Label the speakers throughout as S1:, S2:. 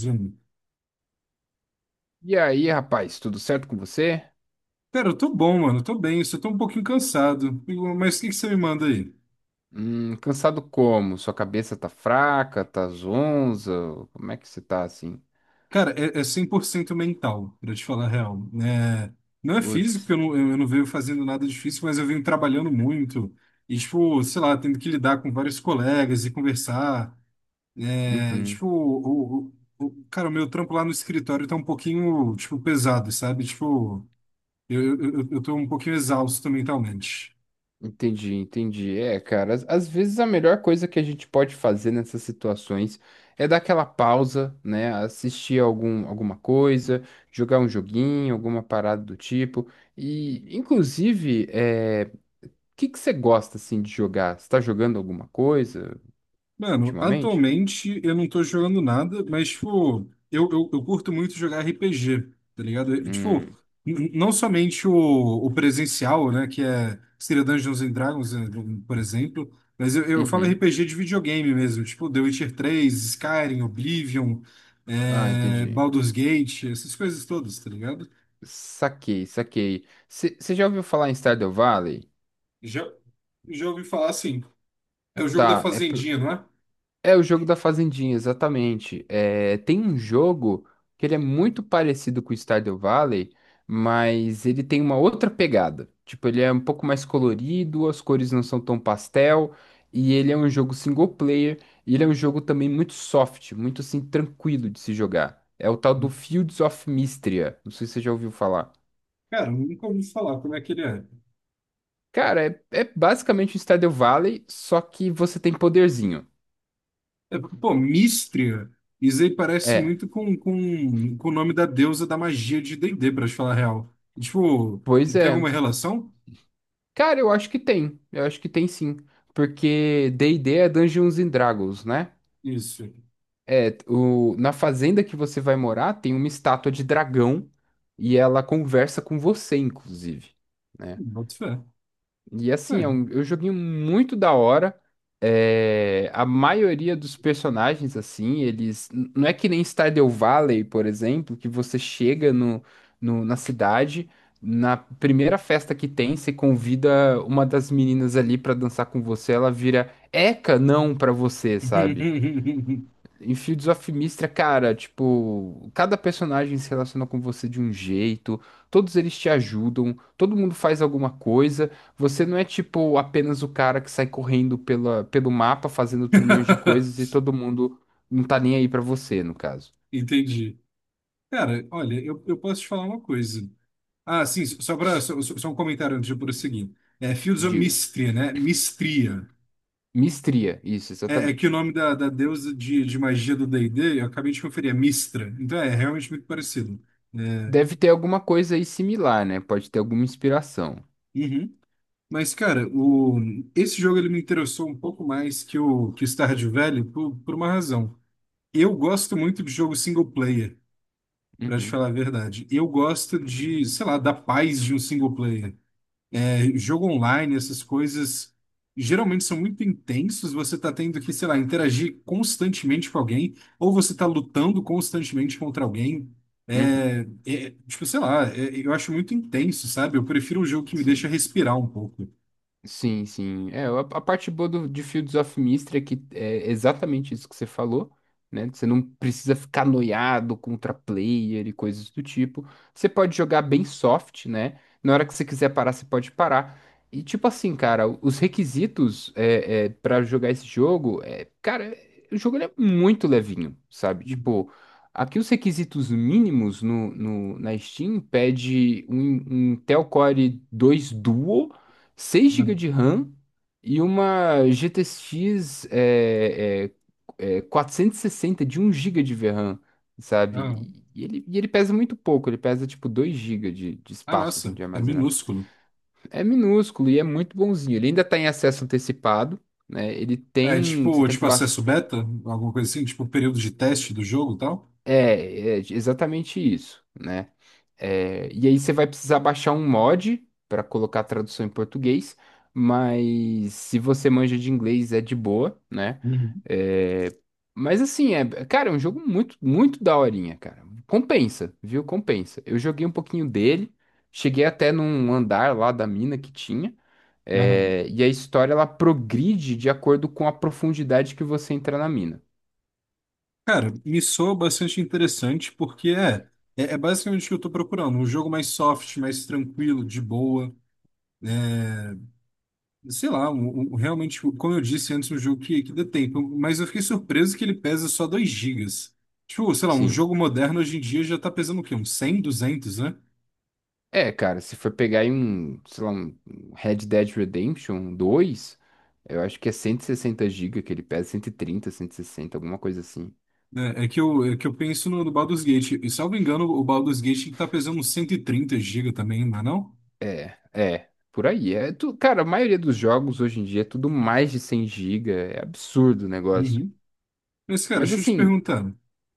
S1: Zoom.
S2: E aí, rapaz, tudo certo com você?
S1: Cara, eu tô bom, mano. Tô bem, só tô um pouquinho cansado. Mas o que que você me manda aí?
S2: Cansado como? Sua cabeça tá fraca, tá zonza? Como é que você tá assim?
S1: Cara, é 100% mental, pra te falar a real. É, não é físico, porque
S2: Putz.
S1: eu não venho fazendo nada difícil, mas eu venho trabalhando muito. E, tipo, sei lá, tendo que lidar com vários colegas e conversar. É,
S2: Uhum.
S1: tipo, cara, o meu trampo lá no escritório tá um pouquinho, tipo, pesado, sabe? Tipo, eu tô um pouquinho exausto mentalmente.
S2: Entendi, entendi. É, cara, às vezes a melhor coisa que a gente pode fazer nessas situações é dar aquela pausa, né? Assistir alguma coisa, jogar um joguinho, alguma parada do tipo. E, inclusive, o que que você gosta assim de jogar? Você tá jogando alguma coisa
S1: Mano,
S2: ultimamente?
S1: atualmente eu não tô jogando nada, mas, tipo, eu curto muito jogar RPG, tá ligado? Eu, tipo,
S2: Hum.
S1: não somente o presencial, né, que seria Dungeons and Dragons, né, por exemplo, mas eu falo
S2: Uhum.
S1: RPG de videogame mesmo, tipo The Witcher 3, Skyrim, Oblivion,
S2: Ah, entendi.
S1: Baldur's Gate, essas coisas todas, tá ligado?
S2: Saquei, saquei. Você já ouviu falar em Stardew Valley?
S1: Já, já ouvi falar assim, é o jogo da
S2: Tá,
S1: Fazendinha, não é?
S2: é o jogo da fazendinha, exatamente. É, tem um jogo que ele é muito parecido com o Stardew Valley, mas ele tem uma outra pegada. Tipo, ele é um pouco mais colorido, as cores não são tão pastel, e ele é um jogo single player, e ele é um jogo também muito soft, muito assim, tranquilo de se jogar. É o tal do Fields of Mistria. Não sei se você já ouviu falar.
S1: Cara, nunca ouvi falar como é que ele é.
S2: Cara, é basicamente um Stardew Valley, só que você tem poderzinho.
S1: Pô, Místria, isso aí parece
S2: É,
S1: muito com, com o nome da deusa da magia de D&D, pra te falar a real. Tipo,
S2: pois
S1: tem
S2: é.
S1: alguma relação?
S2: Cara, eu acho que tem. Eu acho que tem sim. Porque D&D é Dungeons and Dragons, né?
S1: Isso.
S2: É, na fazenda que você vai morar tem uma estátua de dragão e ela conversa com você, inclusive. Né?
S1: Boto fé.
S2: E assim,
S1: É.
S2: é um joguinho muito da hora. É, a maioria dos personagens, assim, eles. Não é que nem Stardew Valley, por exemplo, que você chega na cidade, na primeira festa que tem, você convida uma das meninas ali pra dançar com você, ela vira Eca, não pra você, sabe? Em Fields of Mistria, cara, tipo, cada personagem se relaciona com você de um jeito, todos eles te ajudam, todo mundo faz alguma coisa, você não é tipo apenas o cara que sai correndo pelo mapa fazendo trilhões de coisas e todo mundo não tá nem aí pra você, no caso.
S1: Entendi. Cara, olha, eu posso te falar uma coisa. Ah, sim, só, pra, só, só só um comentário antes de eu prosseguir. É Fields of
S2: Diga.
S1: Mistria, né? Mistria.
S2: Mistria, isso,
S1: É que o
S2: exatamente.
S1: nome da deusa de magia do D&D, eu acabei de conferir, é Mistra. Então é realmente muito parecido. É.
S2: Deve ter alguma coisa aí similar, né? Pode ter alguma inspiração.
S1: Uhum. Mas, cara, o... esse jogo ele me interessou um pouco mais que que o Stardew Valley por uma razão. Eu gosto muito de jogo single player, pra te
S2: Uhum,
S1: falar a verdade. Eu gosto de, sei lá, da paz de um single player. É, jogo online, essas coisas geralmente são muito intensos. Você tá tendo que, sei lá, interagir constantemente com alguém, ou você tá lutando constantemente contra alguém.
S2: uhum,
S1: É, tipo, sei lá, eu acho muito intenso, sabe? Eu prefiro um jogo que me deixa
S2: sim.
S1: respirar um pouco.
S2: Sim, sim. É, a parte boa de Fields of Mystery é que é exatamente isso que você falou, né? Você não precisa ficar noiado contra player e coisas do tipo. Você pode jogar bem soft, né? Na hora que você quiser parar, você pode parar. E tipo assim, cara, os requisitos para jogar esse jogo, cara, o jogo ele é muito levinho, sabe?
S1: Uhum.
S2: Tipo, aqui os requisitos mínimos no, no, na Steam pede um Intel Core 2 Duo 6 gigas de RAM e uma GTX 460 de um GB de VRAM,
S1: Ah,
S2: sabe? E ele pesa muito pouco, ele pesa tipo 2 gigas de
S1: ah,
S2: espaço assim,
S1: nossa,
S2: de
S1: é
S2: armazenamento.
S1: minúsculo.
S2: É minúsculo e é muito bonzinho. Ele ainda está em acesso antecipado, né? Ele
S1: É
S2: tem. Você
S1: tipo,
S2: tem que.
S1: tipo acesso beta, alguma coisa assim, tipo período de teste do jogo e tal.
S2: É exatamente isso, né? É, e aí você vai precisar baixar um mod para colocar a tradução em português, mas se você manja de inglês é de boa, né?
S1: Uhum.
S2: É, mas assim, é, cara, é um jogo muito, muito daorinha, cara. Compensa, viu? Compensa. Eu joguei um pouquinho dele, cheguei até num andar lá da mina que tinha,
S1: Aham.
S2: e a história ela progride de acordo com a profundidade que você entra na mina.
S1: Cara, me soa bastante interessante porque é basicamente o que eu tô procurando, um jogo mais soft, mais tranquilo, de boa, sei lá, realmente, tipo, como eu disse antes, um jogo que dê tempo, mas eu fiquei surpreso que ele pesa só 2 gigas. Tipo, sei lá, um
S2: Sim.
S1: jogo moderno hoje em dia já tá pesando o quê? Uns 100, 200, né?
S2: É, cara, se for pegar aí sei lá, um Red Dead Redemption 2, eu acho que é 160 gigas que ele pesa, 130, 160, alguma coisa assim.
S1: É que eu penso no Baldur's Gate. E, salvo engano, o Baldur's Gate tá pesando uns 130 GB também, não é não?
S2: É, por aí. É tu, cara, a maioria dos jogos hoje em dia é tudo mais de 100 gigas. É absurdo o negócio.
S1: Uhum. Mas, cara,
S2: Mas
S1: deixa eu te
S2: assim,
S1: perguntar.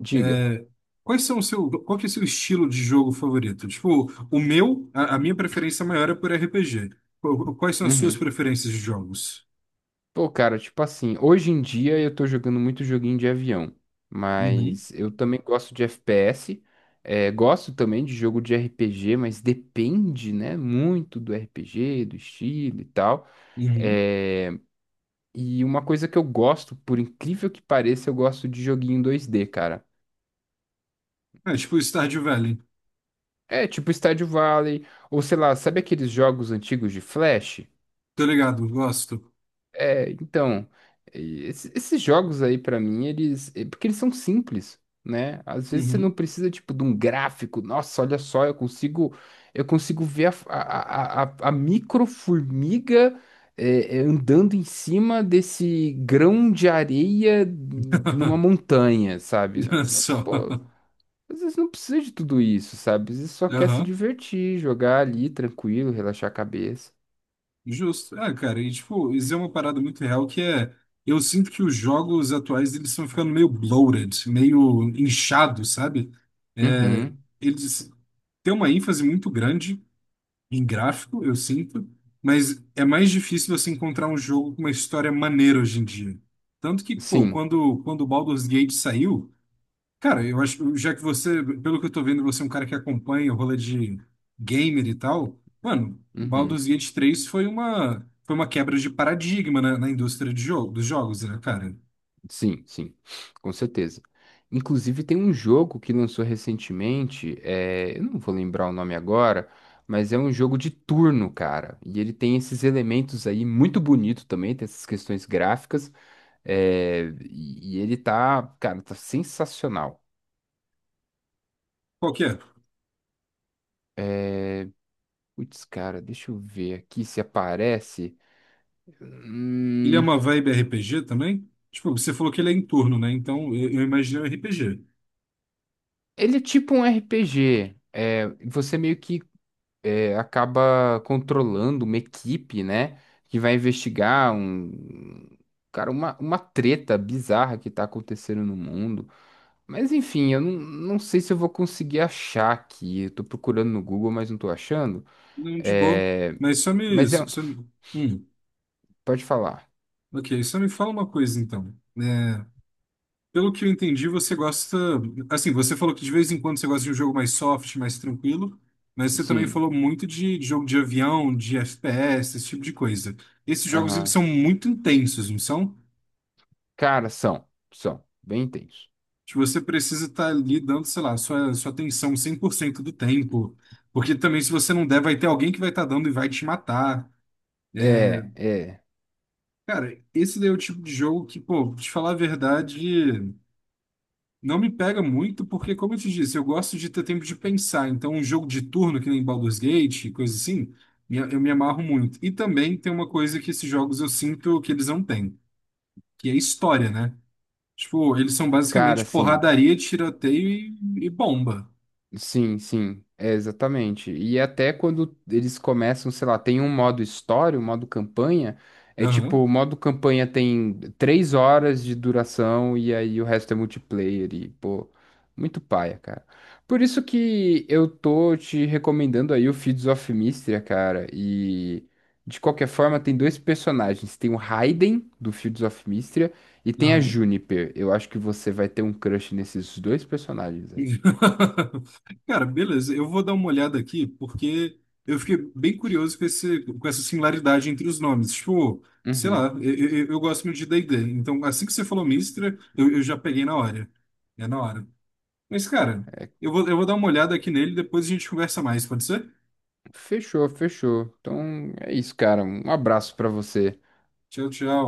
S2: diga.
S1: É, quais são o seu, Qual que é o seu estilo de jogo favorito? Tipo, o meu, a minha preferência maior é por RPG. Quais são as suas
S2: Uhum.
S1: preferências de jogos?
S2: Pô, cara, tipo assim, hoje em dia eu tô jogando muito joguinho de avião,
S1: Uhum.
S2: mas eu também gosto de FPS, gosto também de jogo de RPG, mas depende, né, muito do RPG, do estilo e tal.
S1: Uhum.
S2: Eh, e uma coisa que eu gosto, por incrível que pareça, eu gosto de joguinho 2D, cara.
S1: É, tipo, Stardew Valley.
S2: É, tipo Stardew Valley, ou sei lá, sabe aqueles jogos antigos de Flash?
S1: Tô ligado, gosto.
S2: É, então, esses jogos aí pra mim, eles, é porque eles são simples, né? Às vezes você não
S1: Uhum.
S2: precisa tipo de um gráfico. Nossa, olha só, eu consigo ver a micro formiga andando em cima desse grão de areia numa montanha, sabe?
S1: Só.
S2: Pô, às vezes não precisa de tudo isso, sabe? Às vezes só quer se
S1: Aham.
S2: divertir, jogar ali tranquilo, relaxar a cabeça.
S1: Justo. Ah, cara, e tipo, isso é uma parada muito real que é. Eu sinto que os jogos atuais eles estão ficando meio bloated, meio inchados, sabe? É,
S2: Uhum,
S1: eles têm uma ênfase muito grande em gráfico, eu sinto, mas é mais difícil você encontrar um jogo com uma história maneira hoje em dia. Tanto que, pô,
S2: sim.
S1: quando o Baldur's Gate saiu. Cara, eu acho, já que você, pelo que eu tô vendo, você é um cara que acompanha o rolê de gamer e tal, mano,
S2: Uhum.
S1: Baldur's Gate 3 foi foi uma quebra de paradigma na indústria de jogo, dos jogos, né, cara?
S2: Sim, sim, com certeza. Inclusive, tem um jogo que lançou recentemente, eu não vou lembrar o nome agora, mas é um jogo de turno, cara. E ele tem esses elementos aí muito bonito também, tem essas questões gráficas, e ele tá, cara, tá sensacional.
S1: Qual que é?
S2: Putz, cara, deixa eu ver aqui se aparece.
S1: Ele é
S2: Hum,
S1: uma vibe RPG também? Tipo, você falou que ele é em turno, né? Então eu imaginei um RPG.
S2: Ele é tipo um RPG. É, você meio que acaba controlando uma equipe, né? Que vai investigar um. Cara, uma treta bizarra que tá acontecendo no mundo. Mas enfim, eu não sei se eu vou conseguir achar aqui. Eu tô procurando no Google, mas não tô achando.
S1: Não, de boa.
S2: É,
S1: Mas só me,
S2: mas é.
S1: só me... Hum,
S2: Pode falar.
S1: ok, só me fala uma coisa então. Pelo que eu entendi, você gosta. Assim, você falou que de vez em quando você gosta de um jogo mais soft, mais tranquilo, mas você também
S2: Sim.
S1: falou muito de jogo de avião, de FPS, esse tipo de coisa. Esses jogos, eles
S2: Aham.
S1: são muito intensos, não são?
S2: Cara, são. São. Bem intenso.
S1: Tipo, você precisa estar ali dando, sei lá, sua atenção 100% do tempo, porque também se você não der, vai ter alguém que vai estar dando e vai te matar.
S2: É, é.
S1: Cara, esse daí é o tipo de jogo que, pô, te falar a verdade. Não me pega muito, porque, como eu te disse, eu gosto de ter tempo de pensar. Então, um jogo de turno, que nem Baldur's Gate, coisa assim, eu me amarro muito. E também tem uma coisa que esses jogos eu sinto que eles não têm, que é história, né? Tipo, eles são
S2: Cara,
S1: basicamente
S2: sim.
S1: porradaria, tiroteio e bomba.
S2: Sim, sim, é exatamente. E até quando eles começam, sei lá, tem um modo história, um modo campanha, é tipo,
S1: Aham,
S2: o modo campanha tem 3 horas de duração e aí o resto é multiplayer e, pô, muito paia, cara. Por isso que eu tô te recomendando aí o Fields of Mistria, cara, e de qualquer forma tem dois personagens, tem o Raiden, do Fields of Mistria, e tem a
S1: aham.
S2: Juniper. Eu acho que você vai ter um crush nesses dois personagens aí.
S1: Cara, beleza, eu vou dar uma olhada aqui, porque eu fiquei bem curioso com esse, com essa similaridade entre os nomes. Tipo, sei lá,
S2: Uhum.
S1: eu gosto muito de D&D, então assim que você falou Mistra, eu já peguei na hora. É na hora. Mas, cara, eu vou dar uma olhada aqui nele, depois a gente conversa mais, pode ser?
S2: Fechou, fechou. Então é isso, cara. Um abraço pra você.
S1: Tchau, tchau.